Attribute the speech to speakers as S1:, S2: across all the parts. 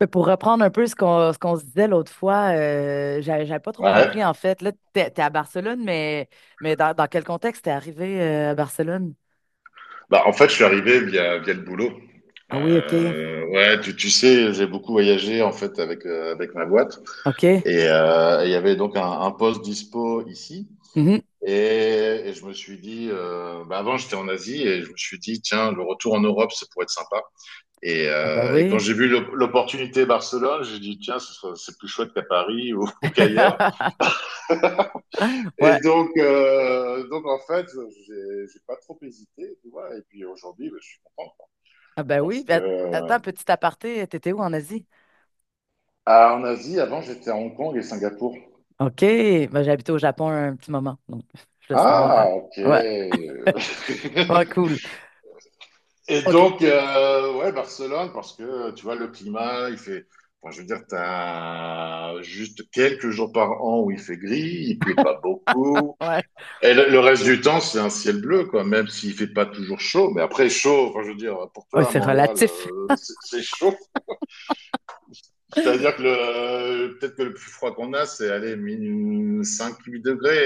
S1: Mais pour reprendre un peu ce qu'on se disait l'autre fois, j'avais pas trop
S2: Ouais.
S1: compris en fait. Là, t'es à Barcelone, mais dans quel contexte t'es arrivé à Barcelone?
S2: Bah, en fait, je suis arrivé via le boulot.
S1: Ah oui, OK.
S2: Ouais, tu sais, j'ai beaucoup voyagé en fait avec ma boîte.
S1: OK.
S2: Et il y avait donc un poste dispo ici.
S1: Mhm.
S2: Et, et je me suis dit, bah avant j'étais en Asie et je me suis dit, tiens, le retour en Europe, ça pourrait être sympa. Et,
S1: Ah ben
S2: euh, et quand
S1: oui.
S2: j'ai vu l'opportunité Barcelone, j'ai dit, tiens, c'est plus chouette qu'à Paris ou qu'ailleurs. Et
S1: Ouais.
S2: donc, euh, donc en fait, j'ai pas trop hésité, tu vois. Et puis aujourd'hui, bah, je suis content.
S1: Ah ben oui.
S2: Parce que,
S1: Ben,
S2: euh,
S1: attends, petit aparté, t'étais où en Asie?
S2: ah, en Asie, avant, j'étais à Hong Kong et Singapour.
S1: OK. Ben, j'ai habité au Japon un petit moment, donc je voulais savoir.
S2: Ah, ok.
S1: Ouais. Ouais, cool.
S2: Et
S1: OK.
S2: donc, euh, ouais, Barcelone, parce que, tu vois, le climat, il fait, enfin, je veux dire, t'as juste quelques jours par an où il fait gris, il pleut pas beaucoup.
S1: Ouais.
S2: Et le reste du temps, c'est un ciel bleu, quoi, même s'il fait pas toujours chaud. Mais après, chaud, enfin, je veux dire, pour
S1: Ouais,
S2: toi, à
S1: c'est
S2: Montréal,
S1: relatif.
S2: c'est chaud. C'est-à-dire que le, peut-être que le plus froid qu'on a, c'est aller cinq 8 degrés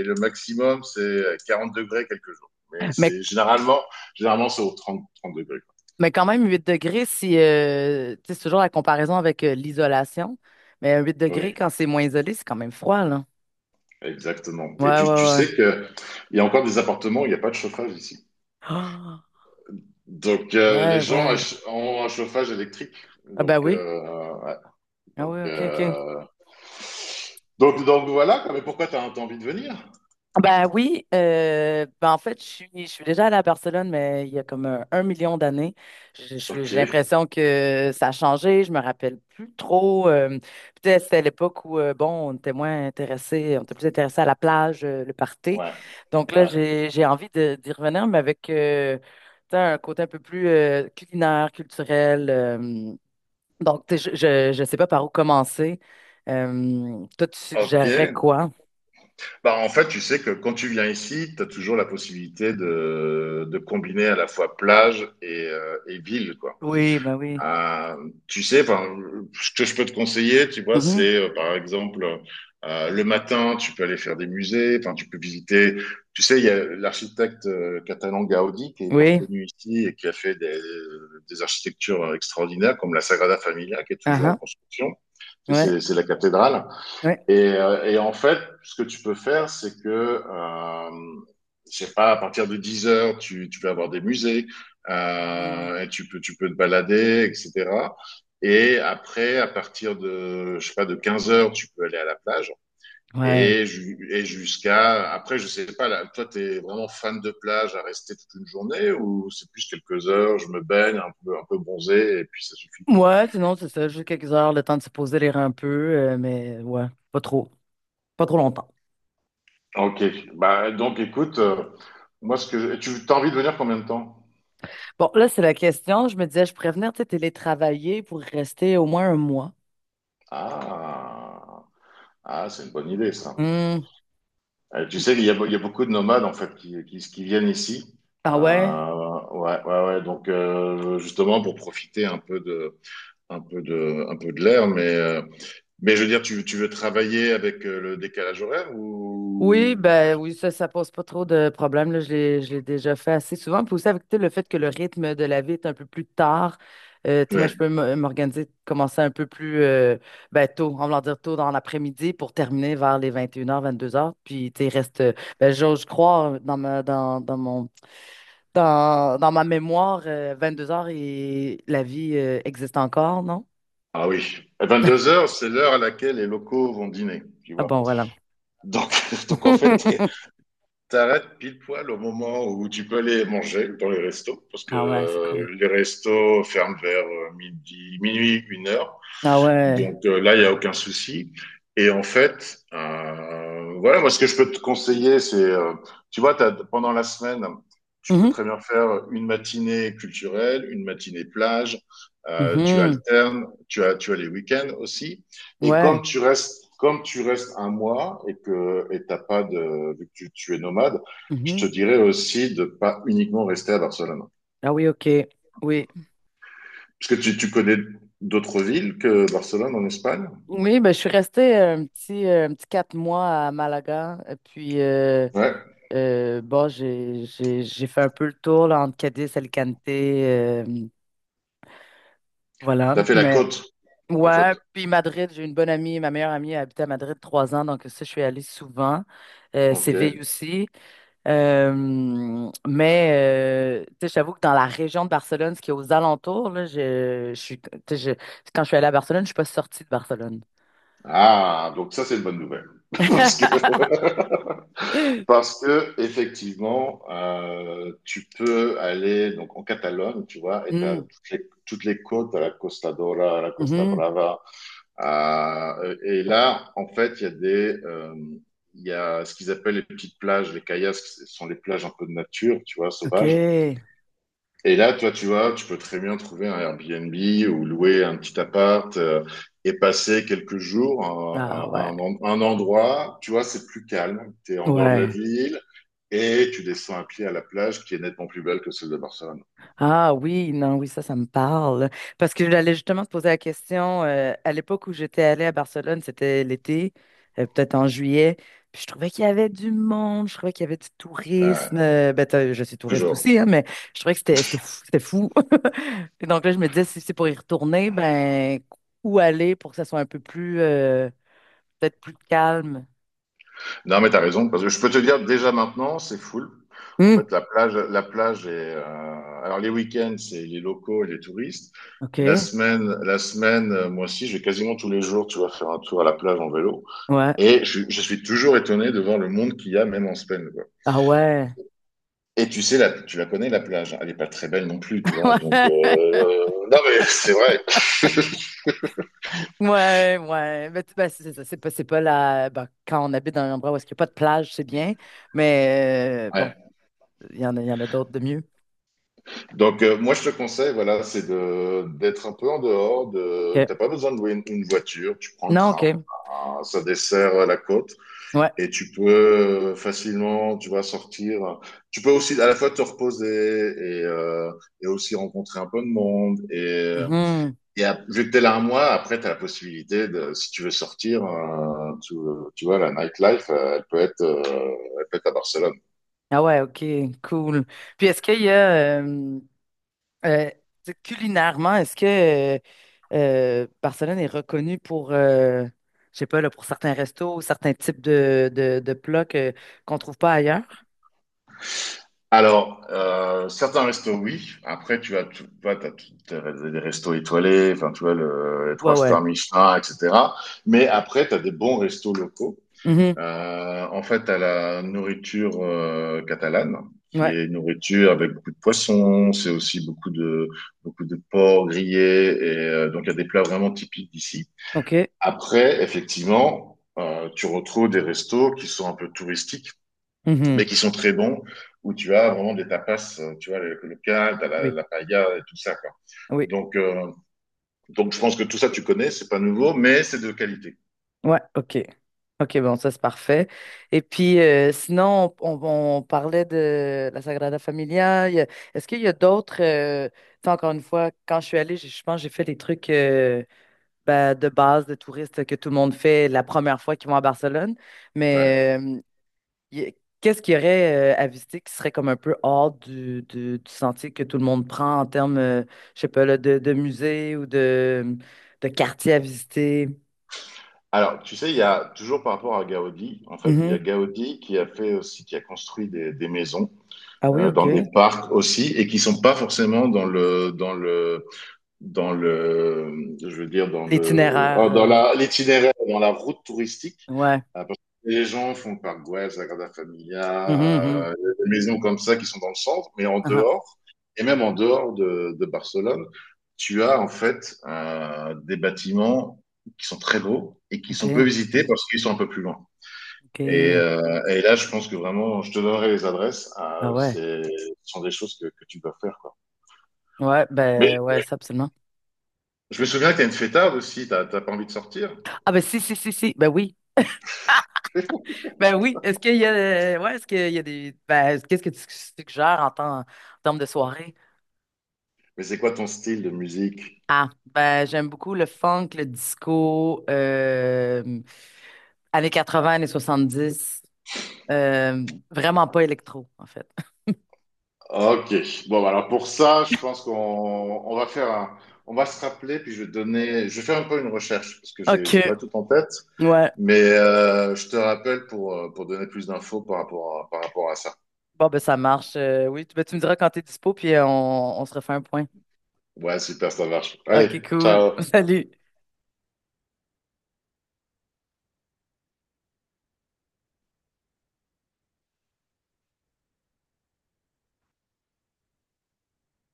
S2: et le maximum, c'est 40 degrés quelques jours. Mais
S1: Mais
S2: c'est généralement, c'est aux trente degrés.
S1: Mais quand même, 8 degrés, si, tu sais, c'est toujours la comparaison avec l'isolation. Mais un 8
S2: Quoi.
S1: degrés,
S2: Oui,
S1: quand c'est moins isolé, c'est quand même froid, là.
S2: exactement. Et
S1: Ouais, ouais,
S2: tu
S1: ouais.
S2: sais que il y a encore des appartements où il n'y a pas de chauffage ici.
S1: Ah,
S2: Donc, euh, les
S1: ouais,
S2: gens
S1: ouais.
S2: ach- ont un chauffage électrique.
S1: Ah, ben
S2: Donc,
S1: oui.
S2: euh,
S1: Ah
S2: donc,
S1: oui, OK, OK.
S2: euh, donc voilà. quoi. Mais pourquoi tu as envie de venir?
S1: Ben oui, ben en fait, je suis déjà allée à Barcelone, mais il y a comme un million d'années.
S2: Ok.
S1: J'ai l'impression que ça a changé, je me rappelle plus trop. Peut-être c'était à l'époque où, bon, on était moins intéressés, on était plus intéressés à la plage, le party.
S2: Ouais,
S1: Donc là,
S2: ouais.
S1: j'ai envie d'y revenir, mais avec tu sais, un côté un peu plus culinaire, culturel. Donc, tu sais, je sais pas par où commencer. Toi, tu
S2: Ok,
S1: suggérerais quoi?
S2: bah, en fait, tu sais que quand tu viens ici, tu as toujours la possibilité de combiner à la fois plage et ville, quoi.
S1: Oui, ben oui.
S2: Euh, tu sais, enfin, Ce que je peux te conseiller, tu vois, c'est par exemple le matin, tu peux aller faire des musées, enfin, tu peux visiter. Tu sais, il y a l'architecte catalan Gaudi qui est hyper
S1: Oui,
S2: connu ici et qui a fait des architectures extraordinaires comme la Sagrada Familia qui est
S1: ah
S2: toujours en
S1: ah,
S2: construction. Tu sais,
S1: ouais,
S2: c'est la cathédrale.
S1: ouais.
S2: Et en fait, ce que tu peux faire, c'est que, je sais pas, à partir de 10 heures, tu peux avoir des musées,
S1: Mhm.
S2: et tu peux te balader, etc. Et après, à partir de, je sais pas, de 15 heures, tu peux aller à la plage.
S1: Ouais.
S2: Et jusqu'à, après, je sais pas, là, toi, t'es vraiment fan de plage à rester toute une journée ou c'est plus quelques heures, je me baigne un peu bronzé et puis ça suffit.
S1: Ouais, sinon, c'est ça, juste quelques heures, le temps de se poser les reins un peu, mais ouais, pas trop longtemps.
S2: Ok. Bah, donc, écoute, moi, ce que, je- tu, t'as envie de venir combien de temps?
S1: Bon, là, c'est la question. Je me disais, je pourrais venir, tu sais, télétravailler pour rester au moins un mois.
S2: Ah, ah c'est une bonne idée, ça.
S1: Hmm.
S2: Tu sais, il y a beaucoup de nomades, en fait, qui viennent ici.
S1: Ah ouais?
S2: Ouais, ouais, ouais. Donc, justement, pour profiter un peu de l'air. Mais je veux dire, tu veux travailler avec le décalage horaire
S1: Oui,
S2: ou...
S1: ben oui, ça pose pas trop de problèmes, là. Je l'ai déjà fait assez souvent. Puis aussi avec tu sais, le fait que le rythme de la vie est un peu plus tard. Tu sais, moi,
S2: Ouais.
S1: je peux m'organiser, commencer un peu plus ben, tôt, on va leur dire tôt dans l'après-midi pour terminer vers les 21 h, 22 h. Puis tu sais, il reste, ben, j'ose croire dans ma dans, dans mon dans, dans ma mémoire, 2 heures et la vie existe encore, non?
S2: Ah oui. À 22 heures, c'est l'heure à laquelle les locaux vont dîner, tu
S1: Ah
S2: vois.
S1: bon, voilà.
S2: Donc, donc en fait, t'arrêtes pile poil au moment où tu peux aller manger dans les restos, parce que
S1: Ah ouais, c'est cool.
S2: les restos ferment vers midi, minuit, une heure.
S1: Ah ouais.
S2: Donc là, il n'y a aucun souci. Et en fait, voilà, moi, ce que je peux te conseiller, c'est, tu vois, t'as- pendant la semaine, tu peux
S1: Mhm,
S2: très bien faire une matinée culturelle, une matinée plage, tu
S1: mhm,
S2: alternes, tu as les week-ends aussi. Et
S1: Ouais.
S2: comme tu restes un mois et que t'as pas de, vu que tu es nomade, je
S1: Mhm.
S2: te dirais aussi de pas uniquement rester à Barcelone.
S1: Ah oui, OK. Oui.
S2: Parce que tu connais d'autres villes que Barcelone en Espagne?
S1: Oui, ben, je suis restée un petit 4 mois à Malaga. Et puis,
S2: Ouais.
S1: bon, j'ai fait un peu le tour là, entre Cadiz, Alicante. Voilà.
S2: T'as fait la
S1: Mais
S2: côte. En fait,
S1: ouais, puis Madrid, j'ai une bonne amie. Ma meilleure amie a habité à Madrid 3 ans. Donc, ça, je suis allée souvent.
S2: ok.
S1: Séville aussi. Mais tu sais, j'avoue que dans la région de Barcelone, ce qui est aux alentours, là, je suis, tu sais, quand je suis allée à Barcelone, je suis pas sortie de Barcelone.
S2: Ah, donc ça, c'est une bonne nouvelle. Parce que, parce que effectivement, tu peux aller donc en Catalogne, tu vois, et tu as
S1: Hmm,
S2: toutes les côtes, à la Costa Dora, à la Costa
S1: mhm,
S2: Brava. Et là, en fait, il y a ce qu'ils appellent les petites plages, les kayaks, ce sont les plages un peu de nature, tu vois,
S1: OK.
S2: sauvages. Et là, toi, tu vois, tu peux très bien trouver un Airbnb ou louer un petit appart et passer quelques jours
S1: Ah
S2: à, à- à
S1: ouais,
S2: un, en- un endroit, tu vois, c'est plus calme, tu es en dehors de la
S1: ouais.
S2: ville et tu descends à pied à la plage qui est nettement plus belle que celle de Barcelone.
S1: Ah oui, non, oui, ça me parle. Parce que j'allais justement te poser la question, à l'époque où j'étais allée à Barcelone, c'était l'été, peut-être en juillet, puis je trouvais qu'il y avait du monde, je trouvais qu'il y avait du
S2: Ouais,
S1: tourisme. Ben, je suis touriste
S2: toujours.
S1: aussi, hein, mais je trouvais que c'était fou. C'était fou. Et donc là, je me disais, si c'est pour y retourner, ben, où aller pour que ça soit un peu plus, peut-être plus calme?
S2: Non, mais t'as raison, parce que je peux te dire déjà maintenant, c'est full. En
S1: Hmm,
S2: fait, la plage est... Alors, les week-ends, c'est les locaux et les touristes.
S1: OK,
S2: La semaine, moi aussi, je vais quasiment tous les jours, tu vas faire un tour à la plage en vélo.
S1: ouais.
S2: Et je suis toujours étonné de voir le monde qu'il y a, même en semaine, quoi.
S1: Ah ouais.
S2: Et tu sais, la, tu la connais, la plage. Hein. Elle est pas très belle non plus, tu vois. Donc,
S1: Ouais,
S2: non, mais c'est vrai.
S1: ouais, ouais. Mais ben, c'est ça. C'est pas la. Ben, quand on habite dans un endroit où est-ce qu'il n'y a pas de plage, c'est bien. Mais bon,
S2: Ouais.
S1: il y en a d'autres de mieux.
S2: Donc, moi, je te conseille, voilà, c'est d'être un peu en dehors. De,
S1: OK.
S2: t'as pas besoin de louer une voiture. Tu prends le
S1: Non, OK.
S2: train. Ah, ça dessert la côte.
S1: Ouais.
S2: Et tu peux facilement, tu vas sortir. Tu peux aussi à la fois te reposer et et aussi rencontrer un peu de monde. Et, euh,
S1: Mhm.
S2: Et à- vu que t'es là un mois, après, t'as la possibilité de, si tu veux sortir, tu vois, la nightlife, elle peut être à Barcelone.
S1: Ah ouais, OK. Cool. Puis est-ce qu'il y a. Euh, tu sais, culinairement, est-ce que Barcelone est reconnue pour. Je sais pas, là, pour certains restos, certains types de plats qu'on trouve pas ailleurs?
S2: Alors, certains restos, oui. Après, tu as, tu vois, t'as tout- t'as des restos étoilés, enfin, tu vois, les
S1: Ouais,
S2: trois
S1: ouais.
S2: stars Michelin, etc. Mais après, t'as des bons restos locaux.
S1: Mhm.
S2: En fait, à la nourriture catalane, qui
S1: Ouais.
S2: est une nourriture avec beaucoup de poissons, c'est aussi beaucoup de porc grillé, et donc il y a des plats vraiment typiques d'ici.
S1: OK.
S2: Après, effectivement, tu retrouves des restos qui sont un peu touristiques,
S1: Mhm.
S2: mais qui sont très bons, où tu as vraiment des tapas, tu vois, le local, t'as
S1: Oui,
S2: la paella et tout ça, quoi.
S1: oui,
S2: Donc, euh, donc je pense que tout ça, tu connais, c'est pas nouveau, mais c'est de qualité.
S1: ouais, ok. Ok, bon, ça c'est parfait. Et puis, sinon, on parlait de la Sagrada Familia. Est-ce qu'il y a d'autres... tu sais, encore une fois, quand je suis allée, je pense que j'ai fait les trucs ben, de base de touristes que tout le monde fait la première fois qu'ils vont à Barcelone.
S2: Ouais.
S1: Mais il y a- qu'est-ce qu'il y aurait à visiter qui serait comme un peu hors du sentier que tout le monde prend en termes, je sais pas, là, de musée ou de quartier à visiter?
S2: Alors, tu sais, il y a toujours par rapport à Gaudi, en fait, il y
S1: Mm-hmm.
S2: a Gaudi qui a fait aussi, qui a construit des maisons
S1: Ah oui, OK.
S2: dans des parcs aussi, et qui sont pas forcément dans le dans le dans le, je veux dire, dans le,
S1: L'itinéraire.
S2: ah, dans la, l'itinéraire, dans la route touristique.
S1: Ouais.
S2: Parce que les gens font le parc Güell, Sagrada
S1: Mhm,
S2: Familia,
S1: mhm.
S2: des maisons comme ça qui sont dans le centre, mais en
S1: Ah, ah.
S2: dehors, et même en dehors de Barcelone, tu as en fait des bâtiments qui sont très beaux et qui sont peu
S1: OK,
S2: visités parce qu'ils sont un peu plus loin. Et,
S1: OK.
S2: euh, et là, je pense que vraiment, je te donnerai les adresses. Ah,
S1: Ah ouais.
S2: c'est, ce sont des choses que tu dois faire, quoi.
S1: Ouais,
S2: Mais
S1: ben ouais, ça absolument.
S2: je me souviens que t'es une fêtarde aussi, t'as pas envie de sortir.
S1: Ah ben si, si, si, si. Ben oui. Ben oui. Est-ce qu'il y a ouais, est-ce qu'il y a des. Ben, qu'est-ce que tu suggères en en termes de soirée?
S2: Mais c'est quoi ton style de musique?
S1: Ah, ben j'aime beaucoup le funk, le disco, années 20, années 70. euh, vraiment pas électro, en fait.
S2: Ok. Bon, bah alors pour ça, je pense qu'on on va faire un, on va se rappeler, puis je vais te donner, je vais faire un peu une recherche parce que j'ai
S1: OK.
S2: pas tout en tête,
S1: Ouais,
S2: mais je te rappelle pour donner plus d'infos par rapport à ça.
S1: bon, ben ça marche. Oui, ben, tu me diras quand t'es dispo, puis on se refait un point.
S2: Ouais, super, ça marche. Allez,
S1: Ok, cool.
S2: ciao.
S1: Salut.